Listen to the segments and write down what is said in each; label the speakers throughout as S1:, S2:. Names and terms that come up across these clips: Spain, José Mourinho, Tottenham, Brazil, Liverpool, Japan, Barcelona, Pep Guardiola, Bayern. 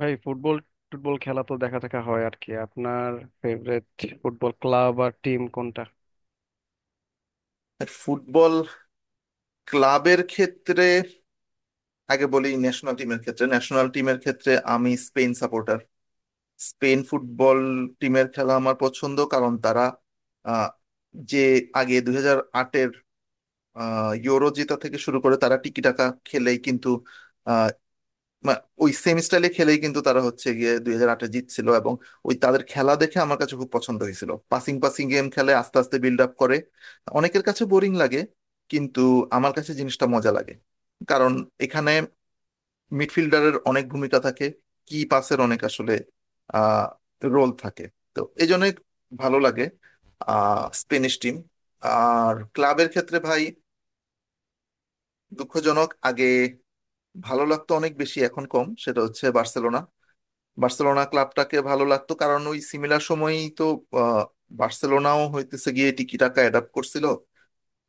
S1: ভাই football football খেলা তো দেখা টাকা হয় আর কি আপনার ফেভারিট ফুটবল ক্লাব আর টিম কোনটা?
S2: ফুটবল ক্লাবের ক্ষেত্রে আগে বলি। ন্যাশনাল টিমের ক্ষেত্রে আমি স্পেন সাপোর্টার। স্পেন ফুটবল টিমের খেলা আমার পছন্দ, কারণ তারা আহ, যে আগে 2008-এর ইউরো জেতা থেকে শুরু করে তারা টিকি টাকা খেলেই কিন্তু ওই সেম স্টাইলে খেলেই কিন্তু তারা হচ্ছে গিয়ে 2008-এ জিতছিল। এবং ওই তাদের খেলা দেখে আমার কাছে খুব পছন্দ হয়েছিল, পাসিং পাসিং গেম খেলে আস্তে আস্তে বিল্ড আপ করে। অনেকের কাছে বোরিং লাগে, কিন্তু আমার কাছে জিনিসটা মজা লাগে, কারণ এখানে মিডফিল্ডারের অনেক ভূমিকা থাকে, কি পাসের অনেক আসলে আহ রোল থাকে। তো এই জন্য ভালো লাগে স্পেনিশ টিম। আর ক্লাবের ক্ষেত্রে ভাই, দুঃখজনক, আগে ভালো লাগতো অনেক বেশি, এখন কম, সেটা হচ্ছে বার্সেলোনা। বার্সেলোনা ক্লাবটাকে ভালো লাগতো, কারণ ওই সিমিলার সময়ই তো আহ, বার্সেলোনাও হইতেছে গিয়ে টিকিটাকা অ্যাডাপ্ট করছিল।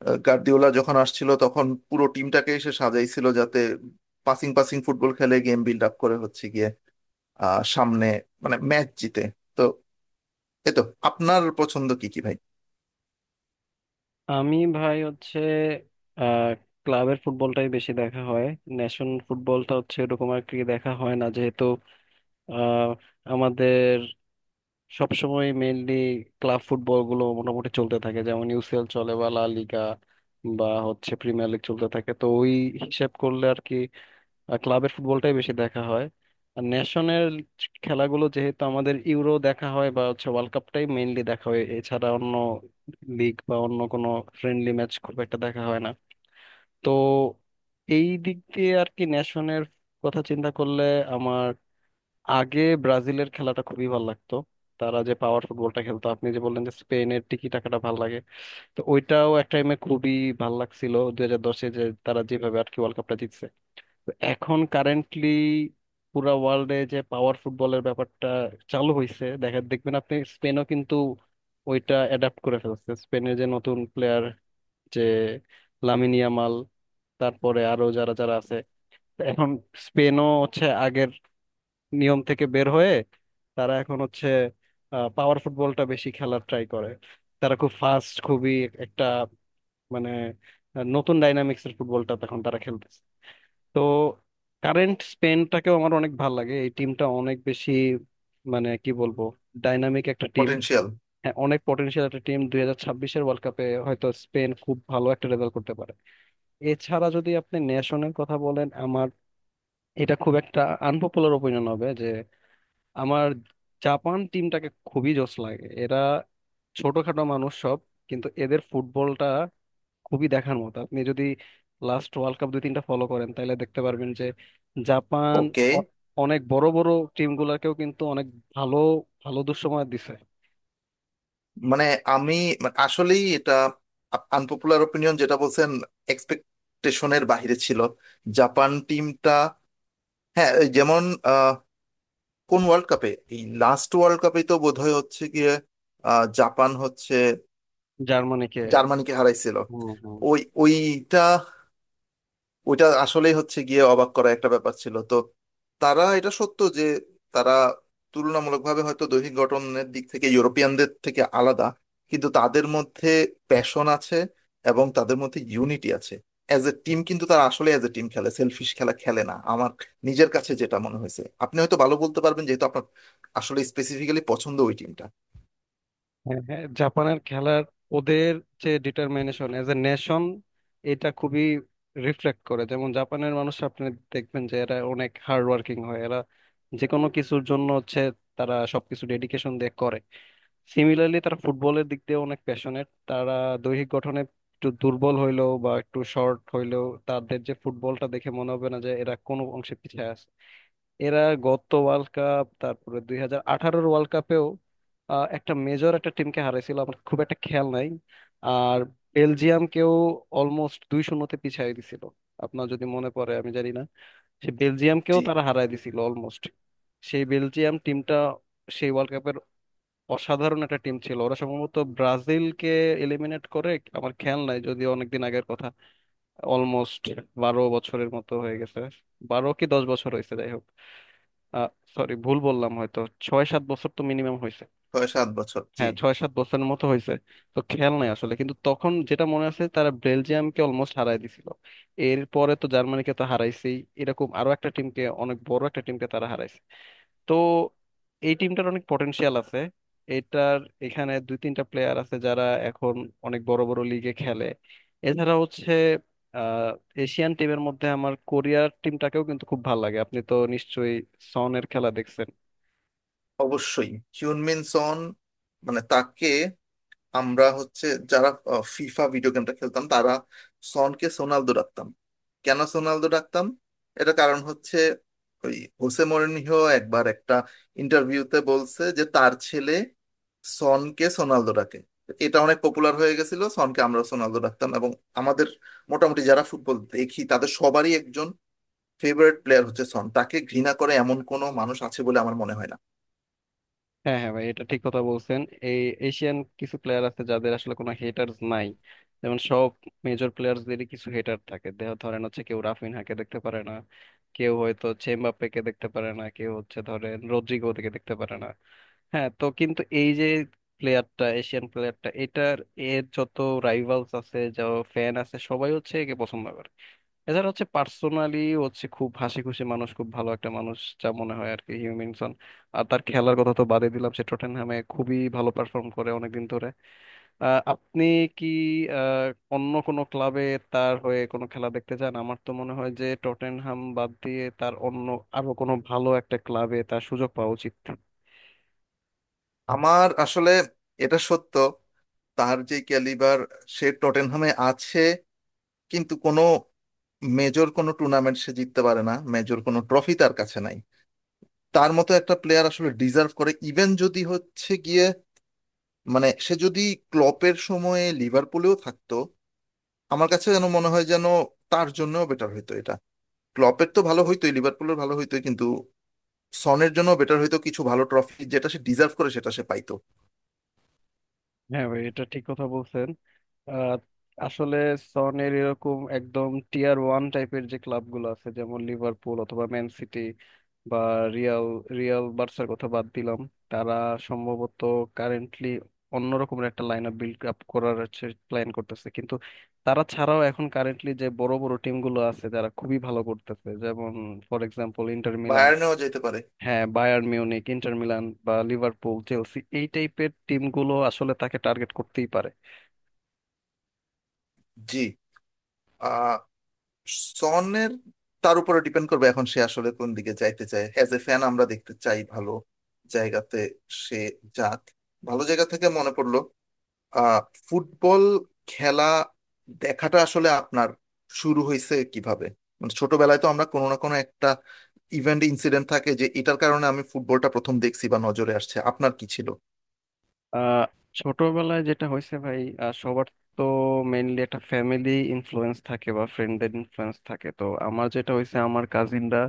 S2: গার্দিওলা যখন আসছিল তখন পুরো টিমটাকে এসে সাজাইছিল যাতে পাসিং পাসিং ফুটবল খেলে গেম বিল্ড আপ করে হচ্ছে গিয়ে সামনে মানে ম্যাচ জিতে। তো এই তো। আপনার পছন্দ কি কি ভাই?
S1: আমি ভাই হচ্ছে আহ ক্লাবের ফুটবলটাই বেশি দেখা হয়। ন্যাশন ফুটবলটা হচ্ছে এরকম আর কি দেখা হয় না, যেহেতু আহ আমাদের সবসময় মেইনলি ক্লাব ফুটবল গুলো মোটামুটি চলতে থাকে, যেমন ইউসিএল চলে বা লা লিগা বা হচ্ছে প্রিমিয়ার লিগ চলতে থাকে, তো ওই হিসেব করলে আর কি আর ক্লাবের ফুটবলটাই বেশি দেখা হয়। আর ন্যাশনাল খেলাগুলো যেহেতু আমাদের ইউরো দেখা হয় বা হচ্ছে ওয়ার্ল্ড কাপটাই মেইনলি দেখা হয়, এছাড়া অন্য লিগ বা অন্য কোনো ফ্রেন্ডলি ম্যাচ খুব একটা দেখা হয় না। তো এই দিক দিয়ে আর কি ন্যাশনের কথা চিন্তা করলে আমার আগে ব্রাজিলের খেলাটা খুবই ভালো লাগতো। তারা যে পাওয়ার ফুটবলটা খেলতো, আপনি যে বললেন যে স্পেনের টিকি টাকাটা ভালো লাগে, তো ওইটাও এক টাইমে খুবই ভালো লাগছিল 2010-এ, যে তারা যেভাবে আর কি ওয়ার্ল্ড কাপটা জিতছে। তো এখন কারেন্টলি পুরা ওয়ার্ল্ডে যে পাওয়ার ফুটবলের ব্যাপারটা চালু হয়েছে, দেখা দেখবেন আপনি স্পেনও কিন্তু ওইটা অ্যাডাপ্ট করে ফেলছে। স্পেনের যে নতুন প্লেয়ার যে লামিন ইয়ামাল, তারপরে আরো যারা যারা আছে এখন, স্পেনও হচ্ছে আগের নিয়ম থেকে বের হয়ে তারা এখন হচ্ছে পাওয়ার ফুটবলটা বেশি খেলার ট্রাই করে। তারা খুব ফাস্ট, খুবই একটা মানে নতুন ডাইনামিক্সের ফুটবলটা তখন তারা খেলতেছে। তো কারেন্ট স্পেনটাকেও আমার অনেক ভালো লাগে, এই টিমটা অনেক বেশি মানে কি বলবো ডাইনামিক একটা টিম।
S2: পটেনশিয়াল।
S1: হ্যাঁ, অনেক পটেনশিয়াল একটা টিম, 2026-এর ওয়ার্ল্ড কাপে হয়তো স্পেন খুব ভালো একটা রেজাল্ট করতে পারে। এছাড়া যদি আপনি ন্যাশনের কথা বলেন, আমার এটা খুব একটা আনপপুলার ওপিনিয়ন হবে যে আমার জাপান টিমটাকে খুবই জোশ লাগে। এরা ছোটখাটো মানুষ সব, কিন্তু এদের ফুটবলটা খুবই দেখার মতো। আপনি যদি লাস্ট ওয়ার্ল্ড কাপ 2-3টা ফলো করেন, তাহলে দেখতে পারবেন যে জাপান
S2: ওকে।
S1: অ- অনেক বড় বড় টিম গুলাকেও কিন্তু অনেক ভালো ভালো দুঃসময় দিছে।
S2: মানে আমি, মানে আসলেই এটা আনপপুলার ওপিনিয়ন যেটা বলছেন, এক্সপেক্টেশনের বাইরে ছিল জাপান টিমটা। হ্যাঁ, এই যেমন কোন ওয়ার্ল্ড কাপে, এই লাস্ট ওয়ার্ল্ড কাপে তো বোধহয় হচ্ছে গিয়ে জাপান হচ্ছে
S1: জার্মানিকে।
S2: জার্মানিকে হারাইছিল।
S1: হম।
S2: ওইটা ওইটা আসলেই হচ্ছে গিয়ে অবাক করা একটা ব্যাপার ছিল। তো তারা, এটা সত্য যে তারা তুলনামূলকভাবে হয়তো দৈহিক গঠনের দিক থেকে ইউরোপিয়ানদের থেকে আলাদা, কিন্তু তাদের মধ্যে প্যাশন আছে এবং তাদের মধ্যে ইউনিটি আছে অ্যাজ এ টিম। কিন্তু তারা আসলে অ্যাজ এ টিম খেলে, সেলফিশ খেলা খেলে না, আমার নিজের কাছে যেটা মনে হয়েছে। আপনি হয়তো ভালো বলতে পারবেন যেহেতু আপনার আসলে স্পেসিফিক্যালি পছন্দ ওই টিমটা।
S1: হ্যাঁ হ্যাঁ, জাপানের খেলার ওদের যে ডিটারমিনেশন এজ এ নেশন, এটা খুবই রিফ্লেক্ট করে। যেমন জাপানের মানুষ আপনি দেখবেন যে এরা অনেক হার্ড ওয়ার্কিং হয়, এরা যে কোনো কিছুর জন্য হচ্ছে তারা সবকিছু ডেডিকেশন দিয়ে করে। সিমিলারলি তারা ফুটবলের দিক দিয়ে অনেক প্যাশনেট। তারা দৈহিক গঠনে একটু দুর্বল হইলেও বা একটু শর্ট হইলেও তাদের যে ফুটবলটা দেখে মনে হবে না যে এরা কোনো অংশে পিছিয়ে আছে। এরা গত ওয়ার্ল্ড কাপ, তারপরে 2018-র ওয়ার্ল্ড কাপেও একটা মেজর একটা টিমকে হারাইছিল, আমার খুব একটা খেয়াল নাই। আর বেলজিয়ামকেও অলমোস্ট 2-0-তে পিছিয়ে দিছিল, আপনার যদি মনে পড়ে, আমি জানি না। সে বেলজিয়ামকেও
S2: জি।
S1: তারা হারাই দিছিল অলমোস্ট। সেই বেলজিয়াম টিমটা সেই ওয়ার্ল্ড কাপের অসাধারণ একটা টিম ছিল, ওরা সম্ভবত ব্রাজিলকে এলিমিনেট করে। আমার খেয়াল নাই, যদি অনেকদিন আগের কথা, অলমোস্ট 12 বছরের মতো হয়ে গেছে, 12 কি 10 বছর হয়েছে, যাই হোক। আহ সরি, ভুল বললাম হয়তো, 6-7 বছর তো মিনিমাম হয়েছে।
S2: 6-7 বছর, জি।
S1: হ্যাঁ, 6-7 বছরের মতো হয়েছে। তো খেয়াল নাই আসলে, কিন্তু তখন যেটা মনে আছে, তারা বেলজিয়ামকে অলমোস্ট হারাই দিছিল। এরপরে তো জার্মানিকে তো হারাইছেই, এরকম আরো একটা টিমকে, অনেক বড় একটা টিমকে তারা হারাইছে। তো এই টিমটার অনেক পটেনশিয়াল আছে। এটার এখানে 2-3টা প্লেয়ার আছে যারা এখন অনেক বড় বড় লিগে খেলে। এছাড়া হচ্ছে আহ এশিয়ান টিমের মধ্যে আমার কোরিয়ার টিমটাকেও কিন্তু খুব ভালো লাগে। আপনি তো নিশ্চয়ই সনের খেলা দেখছেন।
S2: অবশ্যই, হিউনমিন সন। মানে তাকে আমরা হচ্ছে যারা ফিফা ভিডিও গেমটা খেলতাম তারা সনকে সোনালদো ডাকতাম। কেন সোনালদো ডাকতাম? এটা কারণ হচ্ছে ওই হোসে মরিনহো একবার একটা ইন্টারভিউতে বলছে যে তার ছেলে সনকে সোনালদো ডাকে। এটা অনেক পপুলার হয়ে গেছিল, সনকে আমরা সোনালদো ডাকতাম। এবং আমাদের মোটামুটি যারা ফুটবল দেখি তাদের সবারই একজন ফেভারিট প্লেয়ার হচ্ছে সন। তাকে ঘৃণা করে এমন কোনো মানুষ আছে বলে আমার মনে হয় না।
S1: হ্যাঁ হ্যাঁ ভাই, এটা ঠিক কথা বলছেন। এই এশিয়ান কিছু প্লেয়ার আছে যাদের আসলে কোনো হেটার্স নাই। যেমন সব মেজর প্লেয়ারদেরই কিছু হেটার থাকে, দেহ ধরেন হচ্ছে কেউ রাফিনহাকে দেখতে পারে না, কেউ হয়তো চেমবাপ্পেকে দেখতে পারে না, কেউ হচ্ছে ধরেন রদ্রিগোকে দেখতে পারে না। হ্যাঁ, তো কিন্তু এই যে প্লেয়ারটা, এশিয়ান প্লেয়ারটা, এটার এর যত রাইভালস আছে, যত ফ্যান আছে, সবাই হচ্ছে একে পছন্দ করে। এছাড়া হচ্ছে পার্সোনালি হচ্ছে খুব হাসি খুশি মানুষ, খুব ভালো একটা মানুষ, যা মনে হয় আর কি, হিউমিনসন। আর তার খেলার কথা তো বাদই দিলাম, সে টটেনহামে খুবই ভালো পারফর্ম করে অনেকদিন ধরে। আপনি কি আহ, অন্য কোনো ক্লাবে তার হয়ে কোনো খেলা দেখতে চান? আমার তো মনে হয় যে টটেনহাম বাদ দিয়ে তার অন্য আরো কোনো ভালো একটা ক্লাবে তার সুযোগ পাওয়া উচিত।
S2: আমার আসলে, এটা সত্য, তার যে ক্যালিবার, সে টটেনহামে আছে কিন্তু কোনো মেজর কোনো টুর্নামেন্ট সে জিততে পারে না, মেজর কোনো ট্রফি তার কাছে নাই। তার মতো একটা প্লেয়ার আসলে ডিজার্ভ করে, ইভেন যদি হচ্ছে গিয়ে মানে সে যদি ক্লপের সময়ে লিভারপুলেও থাকতো, আমার কাছে যেন মনে হয় যেন তার জন্য বেটার হইতো এটা। ক্লপের তো ভালো হইতোই, লিভারপুলের ভালো হইতো, কিন্তু সনের জন্য বেটার হইতো, কিছু ভালো ট্রফি যেটা সে ডিজার্ভ করে সেটা সে পাইতো।
S1: হ্যাঁ ভাই, এটা ঠিক কথা বলছেন। আহ, আসলে সনের এরকম একদম টিয়ার ওয়ান টাইপের যে ক্লাবগুলো আছে, যেমন লিভারপুল অথবা ম্যান সিটি বা রিয়াল, বার্সার কথা বাদ দিলাম, তারা সম্ভবত কারেন্টলি অন্যরকমের একটা লাইন আপ বিল্ড আপ করার প্ল্যান করতেছে। কিন্তু তারা ছাড়াও এখন কারেন্টলি যে বড় বড় টিমগুলো আছে যারা খুবই ভালো করতেছে, যেমন ফর এক্সাম্পল ইন্টার মিলান।
S2: বায়ার্নেও যেতে পারে।
S1: হ্যাঁ, বায়ার্ন মিউনিক, ইন্টার মিলান বা লিভারপুল, চেলসি, এই টাইপের টিমগুলো আসলে তাকে টার্গেট করতেই পারে।
S2: জি। আহ সনের, তার উপরে ডিপেন্ড করবে এখন সে আসলে কোন দিকে যাইতে চায়। অ্যাজ এ ফ্যান আমরা দেখতে চাই ভালো জায়গাতে সে যাক। ভালো জায়গা থেকে মনে পড়লো, আহ ফুটবল খেলা দেখাটা আসলে আপনার শুরু হয়েছে কিভাবে? মানে ছোটবেলায় তো আমরা, কোনো না কোনো একটা ইভেন্ট ইনসিডেন্ট থাকে যে এটার কারণে আমি ফুটবলটা প্রথম দেখছি বা নজরে আসছে, আপনার কি ছিল?
S1: আহ ছোটবেলায় যেটা হয়েছে ভাই, সবার তো মেইনলি একটা ফ্যামিলি ইনফ্লুয়েন্স থাকে বা ফ্রেন্ডদের ইনফ্লুয়েন্স থাকে। তো আমার যেটা হয়েছে, আমার কাজিনরা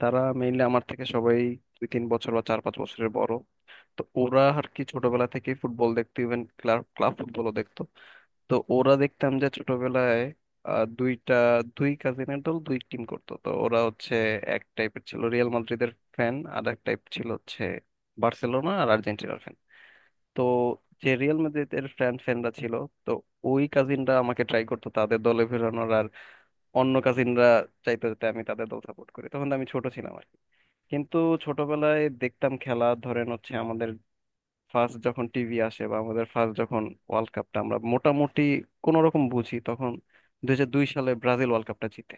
S1: তারা মেইনলি আমার থেকে সবাই 2-3 বছর বা 4-5 বছরের বড়। তো ওরা আর কি ছোটবেলা থেকেই ফুটবল দেখতো, ইভেন ক্লাব ক্লাব ফুটবলও দেখতো। তো ওরা দেখতাম যে ছোটবেলায় আহ, দুইটা দুই কাজিনের দল, দুই টিম করতো। তো ওরা হচ্ছে এক টাইপের ছিল রিয়াল মাদ্রিদের ফ্যান, আর এক টাইপ ছিল হচ্ছে বার্সেলোনা আর আর্জেন্টিনার ফ্যান। তো যে রিয়াল মাদ্রিদের ফ্যানরা ছিল, তো ওই কাজিনরা আমাকে ট্রাই করতো তাদের দলে ফেরানোর, আর অন্য কাজিনরা চাইতো যাতে আমি তাদের দল সাপোর্ট করি। তখন তো আমি ছোট ছিলাম আর কি। কিন্তু ছোটবেলায় দেখতাম খেলা, ধরেন হচ্ছে আমাদের ফার্স্ট যখন টিভি আসে বা আমাদের ফার্স্ট যখন ওয়ার্ল্ড কাপটা আমরা মোটামুটি কোন রকম বুঝি, তখন 2002 সালে ব্রাজিল ওয়ার্ল্ড কাপটা জিতে।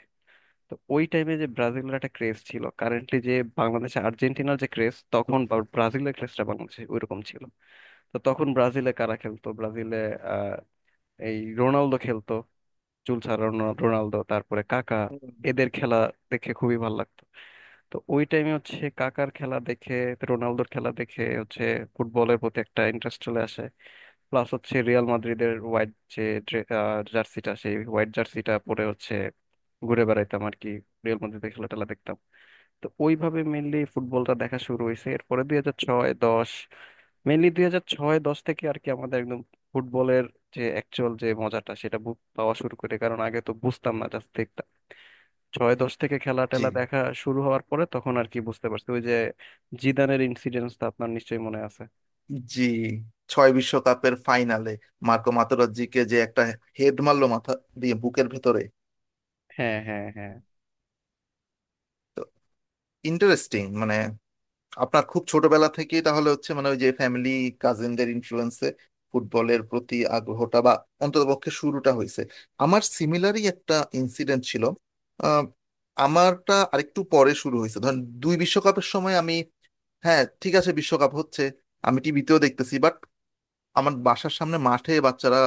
S1: তো ওই টাইমে যে ব্রাজিলের একটা ক্রেজ ছিল, কারেন্টলি যে বাংলাদেশে আর্জেন্টিনার যে ক্রেজ, তখন ব্রাজিলের ক্রেজটা বাংলাদেশে ওইরকম ছিল। তো তখন ব্রাজিলে কারা খেলতো, ব্রাজিলে আহ এই রোনালদো খেলতো, চুল ছাড়া রোনালদো, তারপরে কাকা।
S2: হুম।
S1: এদের খেলা দেখে খুবই ভালো লাগতো। তো ওই টাইমে হচ্ছে কাকার খেলা দেখে, রোনালদোর খেলা দেখে হচ্ছে ফুটবলের প্রতি একটা ইন্টারেস্ট চলে আসে। প্লাস হচ্ছে রিয়াল মাদ্রিদের হোয়াইট যে জার্সিটা, সেই হোয়াইট জার্সিটা পরে হচ্ছে ঘুরে বেড়াইতাম আর কি, রিয়াল মাদ্রিদের খেলা টেলা দেখতাম। তো ওইভাবে মেনলি ফুটবলটা দেখা শুরু হয়েছে। এরপরে 2006, 2010, মেনলি 2006, 2010 থেকে আর কি আমাদের একদম ফুটবলের যে অ্যাকচুয়াল যে মজাটা সেটা পাওয়া শুরু করে, কারণ আগে তো বুঝতাম না, জাস্ট দেখতাম। 2006, 2010 থেকে খেলা
S2: জি।
S1: টেলা দেখা শুরু হওয়ার পরে তখন আর কি বুঝতে পারছি ওই যে জিদানের ইনসিডেন্টস তো আপনার নিশ্চয়ই মনে আছে।
S2: জি। 2006 বিশ্বকাপের ফাইনালে মার্কো মাতেরাজ্জিকে যে একটা হেড মারলো মাথা দিয়ে বুকের ভেতরে।
S1: হ্যাঁ হ্যাঁ হ্যাঁ।
S2: তো ইন্টারেস্টিং, মানে আপনার খুব ছোটবেলা থেকেই তাহলে হচ্ছে মানে ওই যে ফ্যামিলি কাজিনদের ইনফ্লুয়েন্সে ফুটবলের প্রতি আগ্রহটা বা অন্ততপক্ষে শুরুটা হয়েছে। আমার সিমিলারই একটা ইনসিডেন্ট ছিল। আহ, আমারটা আরেকটু পরে শুরু হয়েছে, ধরেন 2002 বিশ্বকাপের সময় আমি, হ্যাঁ ঠিক আছে বিশ্বকাপ হচ্ছে, আমি টিভিতেও দেখতেছি, বাট আমার বাসার সামনে মাঠে বাচ্চারা,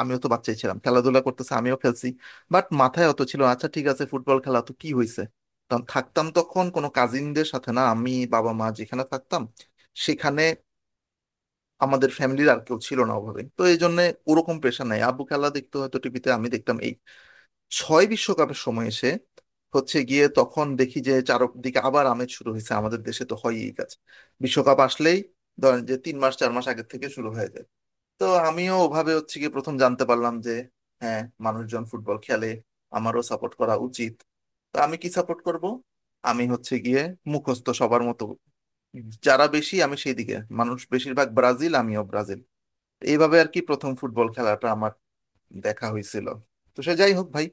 S2: আমিও তো বাচ্চাই ছিলাম, খেলাধুলা করতেছে আমিও খেলছি, বাট মাথায় অত ছিল না, আচ্ছা ঠিক আছে ফুটবল খেলা তো কি হয়েছে। তখন থাকতাম, তখন কোনো কাজিনদের সাথে না, আমি বাবা মা যেখানে থাকতাম সেখানে আমাদের ফ্যামিলির আর কেউ ছিল না অভাবে, তো এই জন্য ওরকম প্রেশার নাই। আব্বু খেলা দেখতো হয়তো টিভিতে আমি দেখতাম। এই 2006 বিশ্বকাপের সময় এসে হচ্ছে গিয়ে তখন দেখি যে চারদিকে আবার আমেজ শুরু হয়েছে, আমাদের দেশে তো হয়ই এই কাজ, বিশ্বকাপ আসলেই ধরেন যে 3 মাস 4 মাস আগের থেকে শুরু হয়ে যায়। তো আমিও ওভাবে হচ্ছে কি প্রথম জানতে পারলাম যে হ্যাঁ মানুষজন ফুটবল খেলে, আমারও সাপোর্ট করা উচিত। তো আমি কি সাপোর্ট করব? আমি হচ্ছে গিয়ে মুখস্থ সবার মতো, যারা বেশি আমি সেই দিকে, মানুষ বেশিরভাগ ব্রাজিল আমিও ব্রাজিল। এইভাবে আর কি প্রথম ফুটবল খেলাটা আমার দেখা হয়েছিল। তো সে যাই হোক ভাই,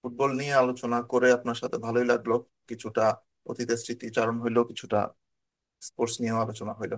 S2: ফুটবল নিয়ে আলোচনা করে আপনার সাথে ভালোই লাগলো, কিছুটা অতীতের স্মৃতিচারণ হইলো, কিছুটা স্পোর্টস নিয়েও আলোচনা হইলো।